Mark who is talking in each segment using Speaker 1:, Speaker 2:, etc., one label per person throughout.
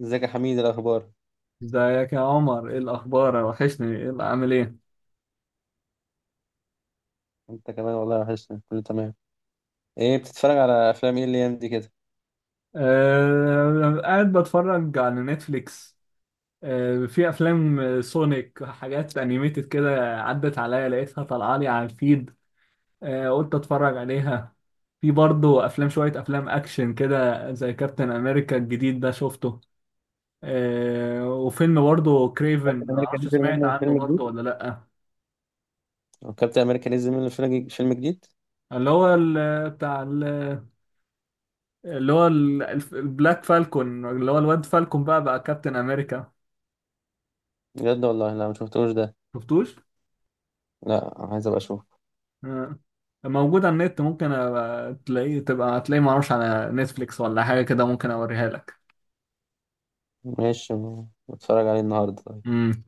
Speaker 1: ازيك يا حميد؟ إيه الاخبار؟
Speaker 2: ازيك يا عمر؟ ايه الاخبار؟ وحشني، ايه اللي عامل ايه؟
Speaker 1: انت كمان والله وحشني. كله تمام. ايه بتتفرج على افلام ايه الايام دي كده؟
Speaker 2: آه، قاعد بتفرج على نتفليكس. آه، في افلام سونيك، حاجات انيميتد كده عدت عليا لقيتها طالعه لي على الفيد. آه، قلت اتفرج عليها. في برضه افلام، شويه افلام اكشن كده، زي كابتن امريكا الجديد ده شفته. آه، وفيلم برضه كريفن،
Speaker 1: كابتن امريكا
Speaker 2: معرفش
Speaker 1: نزل
Speaker 2: سمعت
Speaker 1: منه
Speaker 2: عنه
Speaker 1: فيلم
Speaker 2: برضه
Speaker 1: جديد؟
Speaker 2: ولا لا؟
Speaker 1: هو كابتن امريكا نزل منه فيلم جديد؟
Speaker 2: اللي هو بتاع، اللي هو البلاك فالكون، اللي هو الواد فالكون بقى كابتن امريكا.
Speaker 1: بجد؟ والله لا ما شفتوش ده.
Speaker 2: شفتوش؟
Speaker 1: لا، عايز ابقى اشوف.
Speaker 2: آه. موجود على النت، ممكن أبقى تلاقيه تبقى هتلاقيه، معرفش على نتفليكس ولا حاجة كده، ممكن اوريها لك.
Speaker 1: ماشي، بتفرج عليه النهارده طيب؟
Speaker 2: مم.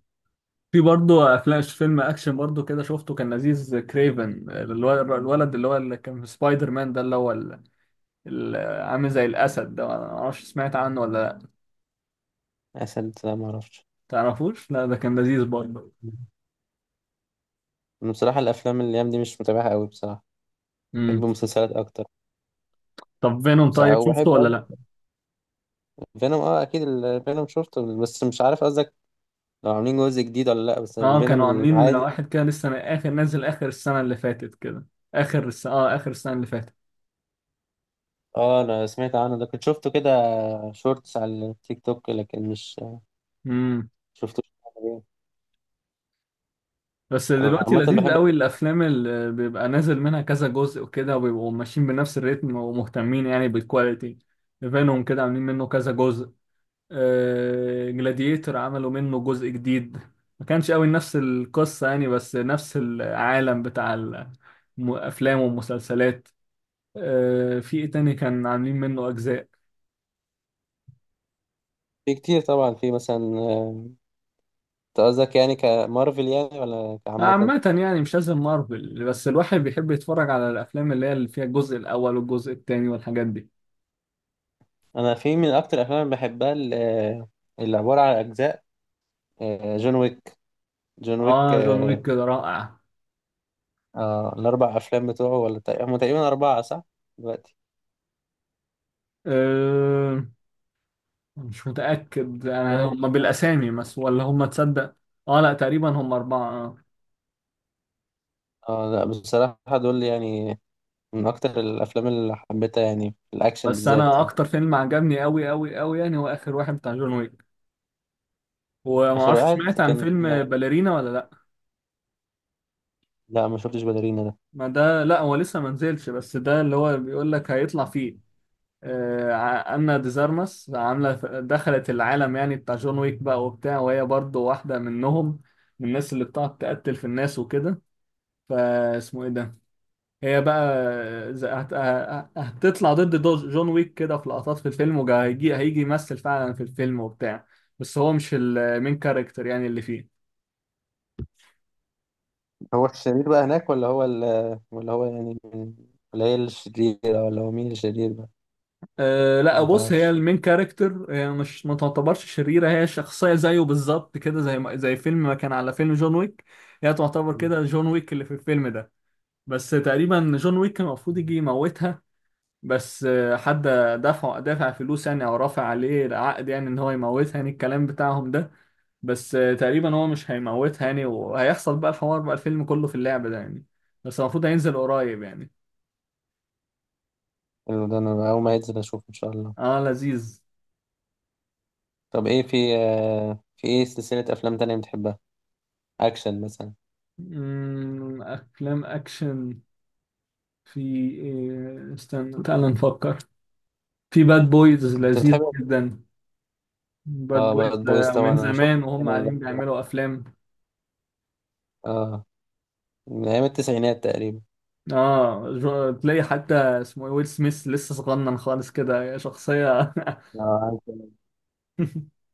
Speaker 2: في برضه افلام، فيلم اكشن برضه كده شفته كان لذيذ، كريفن، الولد اللي كان في سبايدر مان ده، اللي هو ال- ال- عامل زي الاسد ده. ما اعرفش سمعت عنه ولا لا؟
Speaker 1: اسد؟ لا ما اعرفش.
Speaker 2: تعرفوش؟ لا، ده كان لذيذ برضه.
Speaker 1: انا بصراحه الافلام الايام دي مش متابعها قوي بصراحه.
Speaker 2: مم.
Speaker 1: بحب المسلسلات اكتر.
Speaker 2: طب فينوم،
Speaker 1: ساعة
Speaker 2: طيب شفته
Speaker 1: وبحب
Speaker 2: ولا
Speaker 1: أك-
Speaker 2: لا؟
Speaker 1: فينوم اه اكيد الفينوم شفته، بس مش عارف قصدك. لو عاملين جزء جديد ولا لا، بس
Speaker 2: اه،
Speaker 1: الفينوم
Speaker 2: كانوا عاملين
Speaker 1: العادي.
Speaker 2: واحد كده لسه، من اخر نازل اخر السنه اللي فاتت كده. اخر السنه اللي فاتت.
Speaker 1: اه، انا سمعت عنه ده. كنت شفته كده شورتس على التيك توك، لكن مش
Speaker 2: امم.
Speaker 1: شفتوش كامل.
Speaker 2: بس
Speaker 1: انا
Speaker 2: دلوقتي
Speaker 1: عامه
Speaker 2: لذيذ
Speaker 1: بحب.
Speaker 2: قوي الافلام اللي بيبقى نازل منها كذا جزء وكده، وبيبقوا ماشيين بنفس الريتم ومهتمين يعني بالكواليتي. فينوم كده عاملين منه كذا جزء. جلاديتر عملوا منه جزء جديد. ما كانش قوي نفس القصه يعني، بس نفس العالم بتاع الافلام والمسلسلات. في ايه تاني كان عاملين منه اجزاء؟
Speaker 1: في كتير طبعا، في مثلا. انت قصدك يعني كمارفل، يعني ولا عامه؟
Speaker 2: عامة يعني مش لازم مارفل، بس الواحد بيحب يتفرج على الأفلام اللي فيها الجزء الأول والجزء الثاني والحاجات دي.
Speaker 1: انا في من اكتر الافلام اللي بحبها، اللي عباره عن اجزاء. جون ويك. جون ويك
Speaker 2: آه، جون
Speaker 1: آه
Speaker 2: ويك كده رائع.
Speaker 1: الاربع افلام بتوعه، ولا هم تقريبا اربعه صح؟ دلوقتي.
Speaker 2: أه، مش متأكد أنا هما
Speaker 1: أيوة.
Speaker 2: بالأسامي بس، ولا هما، تصدق؟ آه، لا، تقريبا هما أربعة، آه.
Speaker 1: اه لا بصراحه، دول يعني من اكتر الافلام اللي حبيتها يعني، في الاكشن
Speaker 2: بس
Speaker 1: بالذات
Speaker 2: أنا
Speaker 1: يعني.
Speaker 2: أكتر فيلم عجبني أوي أوي أوي يعني هو آخر واحد بتاع جون ويك،
Speaker 1: اخر
Speaker 2: ومعرفش
Speaker 1: واحد
Speaker 2: سمعت عن
Speaker 1: كان.
Speaker 2: فيلم باليرينا ولا لأ؟
Speaker 1: لا ما شفتش باليرينا ده.
Speaker 2: ما ده لأ، هو لسه منزلش، بس ده اللي هو بيقول لك هيطلع فيه. أنا ديزارمس عاملة دخلت العالم يعني بتاع جون ويك بقى وبتاع، وهي برضو واحدة منهم، من الناس اللي بتقعد تقتل في الناس وكده. فاسمه ايه ده؟ هي بقى هتطلع ضد جون ويك كده في لقطات في الفيلم، وهيجي يمثل فعلا في الفيلم وبتاع. بس هو مش المين كاركتر يعني اللي فيه.
Speaker 1: هو الشرير بقى هناك، ولا هو يعني من- ولا هي الشريرة؟ ولا هو مين الشرير بقى؟
Speaker 2: أه، لا،
Speaker 1: ما
Speaker 2: بص، هي
Speaker 1: تعرفش.
Speaker 2: المين كاركتر، هي مش، ما تعتبرش شريرة، هي شخصية زيه بالظبط كده، زي فيلم ما كان على فيلم جون ويك. هي تعتبر كده جون ويك اللي في الفيلم ده، بس تقريبا جون ويك كان المفروض يجي يموتها. بس حد دافع فلوس يعني، او رافع عليه العقد يعني ان هو يموتها، يعني الكلام بتاعهم ده. بس تقريبا هو مش هيموتها يعني، وهيحصل بقى الحوار بقى الفيلم كله في اللعبة ده يعني. بس المفروض هينزل قريب يعني.
Speaker 1: حلو ده، انا اول ما ينزل اشوف ان شاء الله.
Speaker 2: اه، لذيذ.
Speaker 1: طب ايه، في ايه سلسلة افلام تانية بتحبها؟ اكشن مثلا؟
Speaker 2: افلام اكشن. في استنى تعال نفكر. في باد بويز
Speaker 1: انت
Speaker 2: لذيذ
Speaker 1: بتحب؟
Speaker 2: جدا. باد
Speaker 1: اه،
Speaker 2: بويز
Speaker 1: باد بويز
Speaker 2: ده
Speaker 1: طبعا
Speaker 2: من
Speaker 1: انا شفت
Speaker 2: زمان وهم
Speaker 1: الفيلم
Speaker 2: قاعدين
Speaker 1: ده.
Speaker 2: بيعملوا افلام.
Speaker 1: اه. من ايام التسعينات تقريبا.
Speaker 2: اه، تلاقي حتى اسمه ويل سميث لسه صغنن خالص كده شخصية.
Speaker 1: اه، عارف.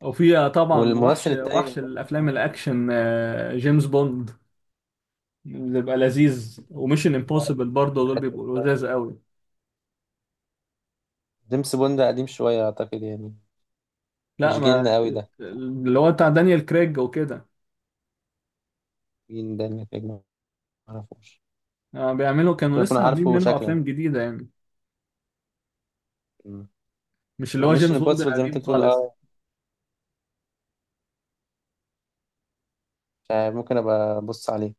Speaker 2: وفيها طبعا وحش
Speaker 1: والممثل التاني
Speaker 2: وحش
Speaker 1: اللي كان معاه؟
Speaker 2: الافلام الاكشن، جيمس بوند بيبقى لذيذ، وميشن امبوسيبل برضه دول
Speaker 1: قديم
Speaker 2: بيبقوا
Speaker 1: شوية.
Speaker 2: لذاذ قوي.
Speaker 1: جيمس بوند قديم شوية اعتقد يعني.
Speaker 2: لا،
Speaker 1: مش
Speaker 2: ما،
Speaker 1: جيلنا قوي ده.
Speaker 2: اللي هو بتاع دانيال كريج وكده.
Speaker 1: جيل ده اللي في الأجنبي. معرفوش.
Speaker 2: آه، بيعملوا كانوا
Speaker 1: ممكن أكون
Speaker 2: لسه عاملين
Speaker 1: عارفه
Speaker 2: منه
Speaker 1: شكلا.
Speaker 2: افلام جديدة يعني، مش اللي هو
Speaker 1: مش
Speaker 2: جيمس بوند
Speaker 1: امبوسيبل زي ما أنت
Speaker 2: القديم
Speaker 1: بتقول،
Speaker 2: خالص.
Speaker 1: أه. مش عارف، ممكن أبقى أبص عليه.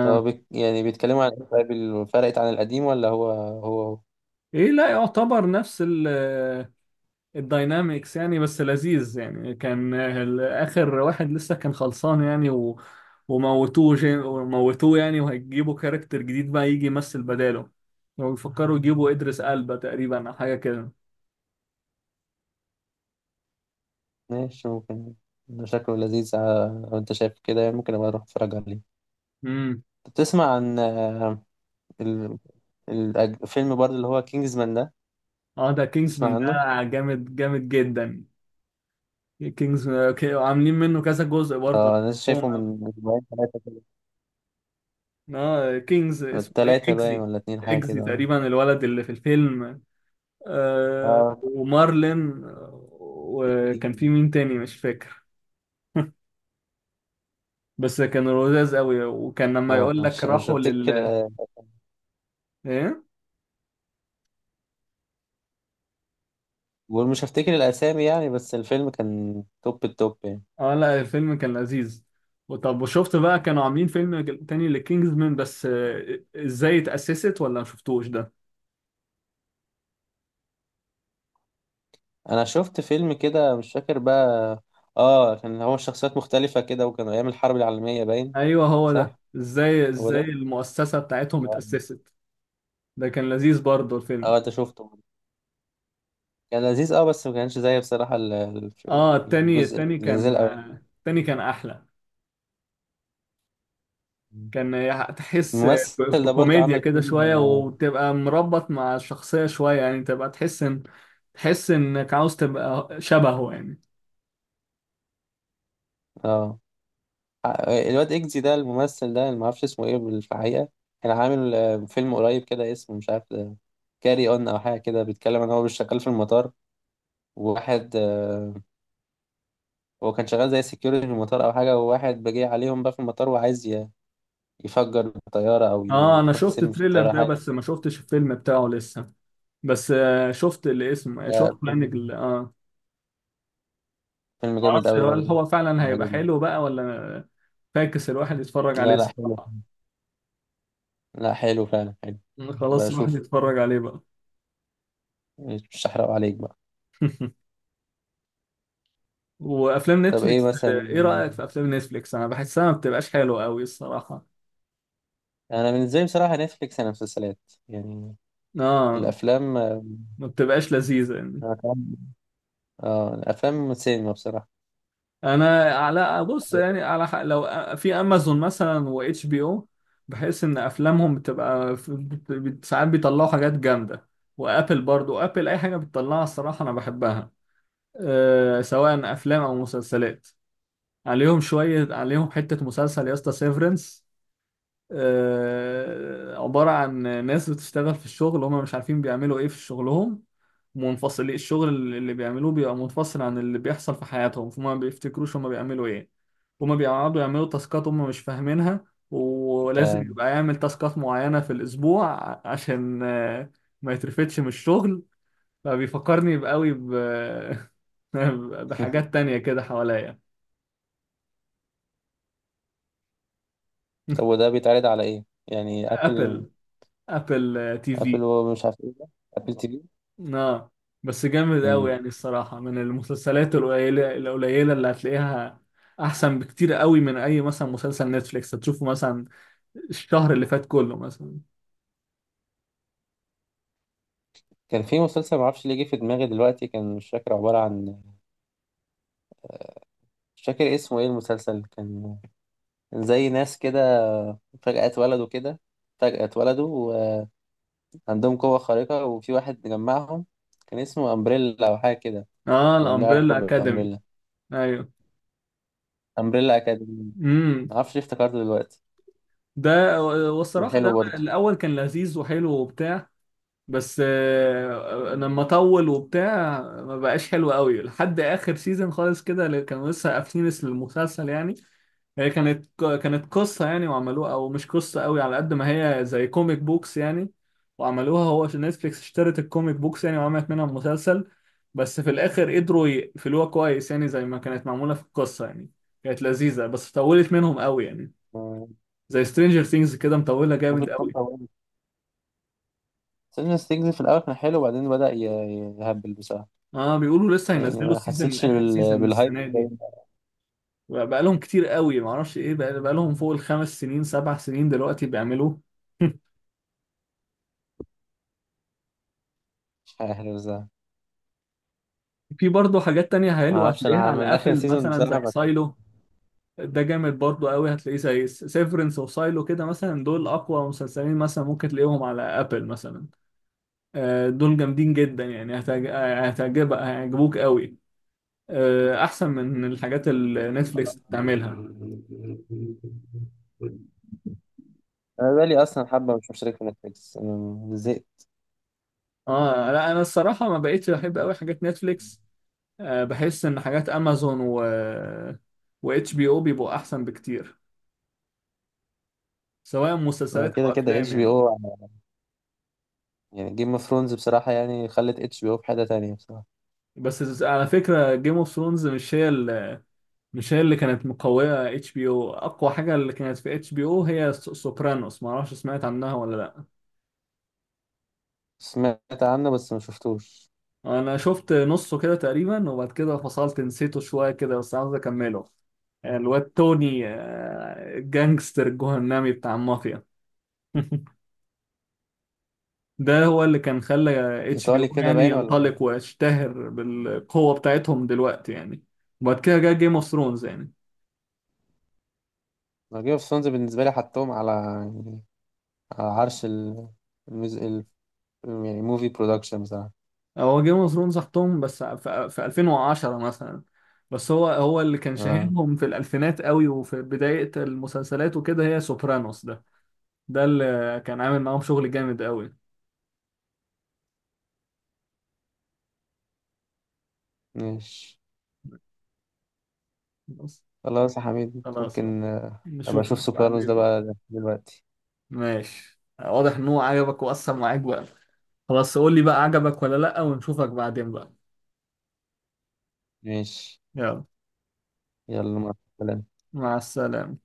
Speaker 1: طب هو بيك يعني بيتكلموا عن إيه طيب؟ فرقت عن القديم ولا هو هو؟
Speaker 2: ايه، لا، يعتبر نفس ال الداينامكس يعني، بس لذيذ يعني، كان اخر واحد لسه كان خلصان يعني، و... وموتوه يعني، وهيجيبوا كاركتر جديد بقى يجي يمثل بداله، ويفكروا يجيبوا ادريس البا تقريبا او حاجه كده.
Speaker 1: ماشي، ممكن. ده شكله لذيذ، لو أنت شايف كده يعني ممكن أبقى أروح أتفرج عليه.
Speaker 2: امم.
Speaker 1: طب تسمع عن ال- الفيلم برضه اللي هو كينجزمان ده؟
Speaker 2: اه، ده كينجزمان،
Speaker 1: تسمع
Speaker 2: ده
Speaker 1: عنه؟
Speaker 2: جامد جامد جدا. كينجز، عاملين منه كذا جزء برضه، أنا
Speaker 1: اه، انا لسه
Speaker 2: بحبهم.
Speaker 1: شايفه من اسبوعين ثلاثة كده.
Speaker 2: اه كينجز، اسمه ايه،
Speaker 1: ثلاثة باين
Speaker 2: اكزي.
Speaker 1: ولا اتنين حاجة
Speaker 2: اكزي
Speaker 1: كده؟
Speaker 2: تقريبا الولد اللي في الفيلم.
Speaker 1: اه،
Speaker 2: آه،
Speaker 1: اه.
Speaker 2: ومارلين، وكان في مين تاني مش فاكر. بس كانوا لذاذ قوي، وكان لما
Speaker 1: اه
Speaker 2: يقول لك
Speaker 1: مش
Speaker 2: راحوا
Speaker 1: بفتكر.
Speaker 2: لل... ايه،
Speaker 1: ومش هفتكر الاسامي يعني، بس الفيلم كان توب التوب يعني.
Speaker 2: اه، لا، الفيلم كان لذيذ. وطب، وشفت بقى كانوا عاملين فيلم تاني لكينجز مان، بس ازاي اتأسست، ولا ما شفتوش ده؟
Speaker 1: انا شفت فيلم كده، مش فاكر بقى. اه، كان هو شخصيات مختلفة كده وكان ايام الحرب العالمية باين.
Speaker 2: ايوه، هو ده،
Speaker 1: صح.
Speaker 2: ازاي
Speaker 1: هو
Speaker 2: ازاي
Speaker 1: ده.
Speaker 2: المؤسسة بتاعتهم
Speaker 1: اه.
Speaker 2: اتأسست. ده كان لذيذ برضه الفيلم.
Speaker 1: انت شفته؟ كان لذيذ، اه بس ما كانش زي بصراحة في
Speaker 2: اه، التاني،
Speaker 1: الجزء
Speaker 2: التاني
Speaker 1: الجزء
Speaker 2: كان،
Speaker 1: الاولاني.
Speaker 2: التاني كان احلى. كان تحس
Speaker 1: الممثل ده برضه
Speaker 2: بكوميديا
Speaker 1: عمل
Speaker 2: كده
Speaker 1: فيلم،
Speaker 2: شوية،
Speaker 1: اه.
Speaker 2: وتبقى مربط مع الشخصية شوية يعني، تبقى تحس ان، تحس انك عاوز تبقى شبهه يعني.
Speaker 1: آه. الواد اكزي ده الممثل ده اللي معرفش اسمه ايه في الحقيقة. كان عامل فيلم قريب كده اسمه مش عارف كاري اون او حاجة كده، بيتكلم ان هو مش شغال في المطار. وواحد هو كان شغال زي سكيورتي في المطار او حاجة، وواحد بيجي عليهم بقى في المطار وعايز يفجر الطيارة او
Speaker 2: اه، انا
Speaker 1: يحط
Speaker 2: شفت
Speaker 1: سم في
Speaker 2: التريلر
Speaker 1: الطيارة
Speaker 2: ده
Speaker 1: حاجة.
Speaker 2: بس ما شفتش الفيلم بتاعه لسه. بس شفت الاسم، شفت
Speaker 1: ده فيلم
Speaker 2: بلانج
Speaker 1: فيلم جامد
Speaker 2: معرفش
Speaker 1: قوي
Speaker 2: هل
Speaker 1: برضه.
Speaker 2: هو فعلا
Speaker 1: انا
Speaker 2: هيبقى
Speaker 1: عاجبني.
Speaker 2: حلو بقى ولا، فاكس الواحد يتفرج عليه
Speaker 1: لا، لا حلو.
Speaker 2: الصراحة،
Speaker 1: لا، حلو فعلا حلو.
Speaker 2: خلاص الواحد
Speaker 1: بشوف.
Speaker 2: يتفرج عليه بقى.
Speaker 1: مش هحرقه عليك بقى.
Speaker 2: وافلام
Speaker 1: طب ايه
Speaker 2: نتفليكس،
Speaker 1: مثلا؟
Speaker 2: ايه رايك في افلام نتفليكس؟ انا بحسها ما بتبقاش حلوه قوي الصراحه،
Speaker 1: انا بالنسبه لي بصراحه نتفليكس انا مسلسلات، يعني
Speaker 2: اه،
Speaker 1: الافلام.
Speaker 2: ما بتبقاش لذيذه يعني.
Speaker 1: الافلام اه الافلام سينما بصراحه.
Speaker 2: انا على، بص يعني، على لو في امازون مثلا، واتش بي او، بحس ان افلامهم بتبقى ساعات بيطلعوا حاجات جامده. وابل، برضو ابل اي حاجه بتطلعها الصراحه انا بحبها. أه، سواء افلام او مسلسلات. عليهم شويه عليهم حته مسلسل يا اسطى، سيفرنس. عبارة عن ناس بتشتغل في الشغل، هم مش عارفين بيعملوا ايه في شغلهم. الشغل اللي بيعملوه بيبقى منفصل عن اللي بيحصل في حياتهم، فهم ما بيفتكروش هم بيعملوا ايه. هم بيقعدوا يعملوا تاسكات هم مش فاهمينها، ولازم
Speaker 1: انت.
Speaker 2: يبقى يعمل تاسكات معينة في الأسبوع عشان ما يترفدش من الشغل. فبيفكرني بقوي ب... بحاجات تانية كده حواليا.
Speaker 1: طب وده بيتعرض على ايه يعني؟ ابل؟
Speaker 2: أبل، أبل تي
Speaker 1: ابل
Speaker 2: في
Speaker 1: ومش عارف ايه ده، ابل TV؟
Speaker 2: اه، بس جامد قوي
Speaker 1: مم.
Speaker 2: يعني الصراحة، من المسلسلات القليلة القليلة اللي هتلاقيها، أحسن بكتير قوي من أي مثلا مسلسل نتفليكس هتشوفه مثلا الشهر اللي فات كله مثلا.
Speaker 1: كان في مسلسل معرفش ليه جه في دماغي دلوقتي، كان مش فاكر عباره عن، مش فاكر اسمه ايه. المسلسل كان كان زي ناس كده، فجأة اتولدوا كده، فجأة اتولدوا، وعندهم قوة خارقة وفي واحد جمعهم. كان اسمه أمبريلا أو حاجة كده.
Speaker 2: اه،
Speaker 1: هو اللي علاقة
Speaker 2: الأمبريلا أكاديمي.
Speaker 1: بأمبريلا؟
Speaker 2: أيوه.
Speaker 1: أمبريلا أكاديمي.
Speaker 2: امم.
Speaker 1: معرفش ليه افتكرته دلوقتي.
Speaker 2: ده،
Speaker 1: كان
Speaker 2: والصراحة ده
Speaker 1: حلو برضه.
Speaker 2: الأول كان لذيذ وحلو وبتاع. بس لما طول وبتاع ما بقاش حلو قوي لحد اخر سيزون خالص كده، اللي كانوا لسه قافلين المسلسل يعني. هي كانت قصة يعني وعملوها، او مش قصة قوي على قد ما هي زي كوميك بوكس يعني، وعملوها هو عشان نتفليكس اشترت الكوميك بوكس يعني وعملت منها مسلسل. بس في الاخر قدروا يقفلوها كويس يعني زي ما كانت معمولة في القصة يعني. كانت لذيذة بس طولت منهم قوي يعني، زي سترينجر ثينجز كده مطولة
Speaker 1: ممكن
Speaker 2: جامد
Speaker 1: تكون
Speaker 2: قوي.
Speaker 1: طولت. سيلفن ستيجز في الأول كان حلو، وبعدين بدأ يهبل بصراحة.
Speaker 2: اه، بيقولوا لسه
Speaker 1: يعني
Speaker 2: هينزلوا
Speaker 1: ما حسيتش
Speaker 2: اخر سيزون
Speaker 1: بالهايب
Speaker 2: السنه
Speaker 1: زي
Speaker 2: دي.
Speaker 1: ما-
Speaker 2: بقى لهم كتير قوي، ما اعرفش ايه بقى لهم فوق ال5 سنين، 7 سنين دلوقتي بيعملوا.
Speaker 1: مش عارف بصراحة.
Speaker 2: في برضه حاجات تانية
Speaker 1: ما
Speaker 2: حلوة
Speaker 1: أعرفش
Speaker 2: هتلاقيها
Speaker 1: أنا،
Speaker 2: على
Speaker 1: من آخر
Speaker 2: ابل
Speaker 1: سيزون
Speaker 2: مثلا زي
Speaker 1: بصراحة ما كان.
Speaker 2: سايلو، ده جامد برضه قوي، هتلاقيه زي سيفرنس وسايلو كده مثلا، دول اقوى مسلسلين مثلا ممكن تلاقيهم على ابل مثلا. دول جامدين جدا يعني، هتعجبك، هيعجبوك قوي. احسن من الحاجات اللي نتفليكس
Speaker 1: خلاص،
Speaker 2: بتعملها.
Speaker 1: أنا بقالي أصلا حبة مش مشترك في نتفليكس، أنا زهقت.
Speaker 2: اه، لا، انا الصراحه ما بقيتش بحب قوي حاجات نتفليكس. آه، بحس ان حاجات امازون و واتش بي او بيبقوا احسن بكتير، سواء
Speaker 1: أنا
Speaker 2: مسلسلات او
Speaker 1: كده كده
Speaker 2: افلام
Speaker 1: اتش بي
Speaker 2: يعني.
Speaker 1: او يعني جيم اوف ثرونز بصراحة يعني خلت HBO في حتة تانية بصراحة.
Speaker 2: بس على فكره، جيم اوف ثرونز مش هي مش هي اللي كانت مقويه HBO. اقوى حاجه اللي كانت في HBO هي سوبرانوس، ما اعرفش سمعت عنها ولا لا؟
Speaker 1: سمعت عنه بس ما شفتوش.
Speaker 2: انا شفت نصه كده تقريبا، وبعد كده فصلت نسيته شويه كده، بس عاوز اكمله. الواد توني جانجستر جهنمي بتاع المافيا. ده هو اللي كان خلى اتش بي
Speaker 1: إيطالي
Speaker 2: او
Speaker 1: كده
Speaker 2: يعني
Speaker 1: باين ولا؟
Speaker 2: ينطلق ويشتهر بالقوة بتاعتهم دلوقتي يعني. وبعد كده جه جيم اوف ثرونز يعني.
Speaker 1: جيم اوف ثرونز بالنسبة لي حطهم على يعني، على عرش المز... ال... يعني موفي برودكشن بصراحة.
Speaker 2: هو جيم اوف ثرونز حطهم بس في 2010 مثلا، بس هو اللي كان
Speaker 1: آه.
Speaker 2: شاهدهم في الألفينات قوي وفي بداية المسلسلات وكده، هي سوبرانوس ده، ده اللي كان عامل معاهم شغل جامد قوي.
Speaker 1: ماشي.
Speaker 2: بس
Speaker 1: خلاص يا حميد،
Speaker 2: خلاص بقى،
Speaker 1: ممكن أبقى
Speaker 2: نشوفك
Speaker 1: أشوف سوبرانوس ده
Speaker 2: بعدين.
Speaker 1: بقى دلوقتي.
Speaker 2: ماشي، واضح ان هو عجبك وأثر معاك بقى. خلاص قول لي بقى عجبك ولا لأ، ونشوفك بعدين بقى.
Speaker 1: ماشي.
Speaker 2: يلا،
Speaker 1: يلا، مع السلامة.
Speaker 2: مع السلامة.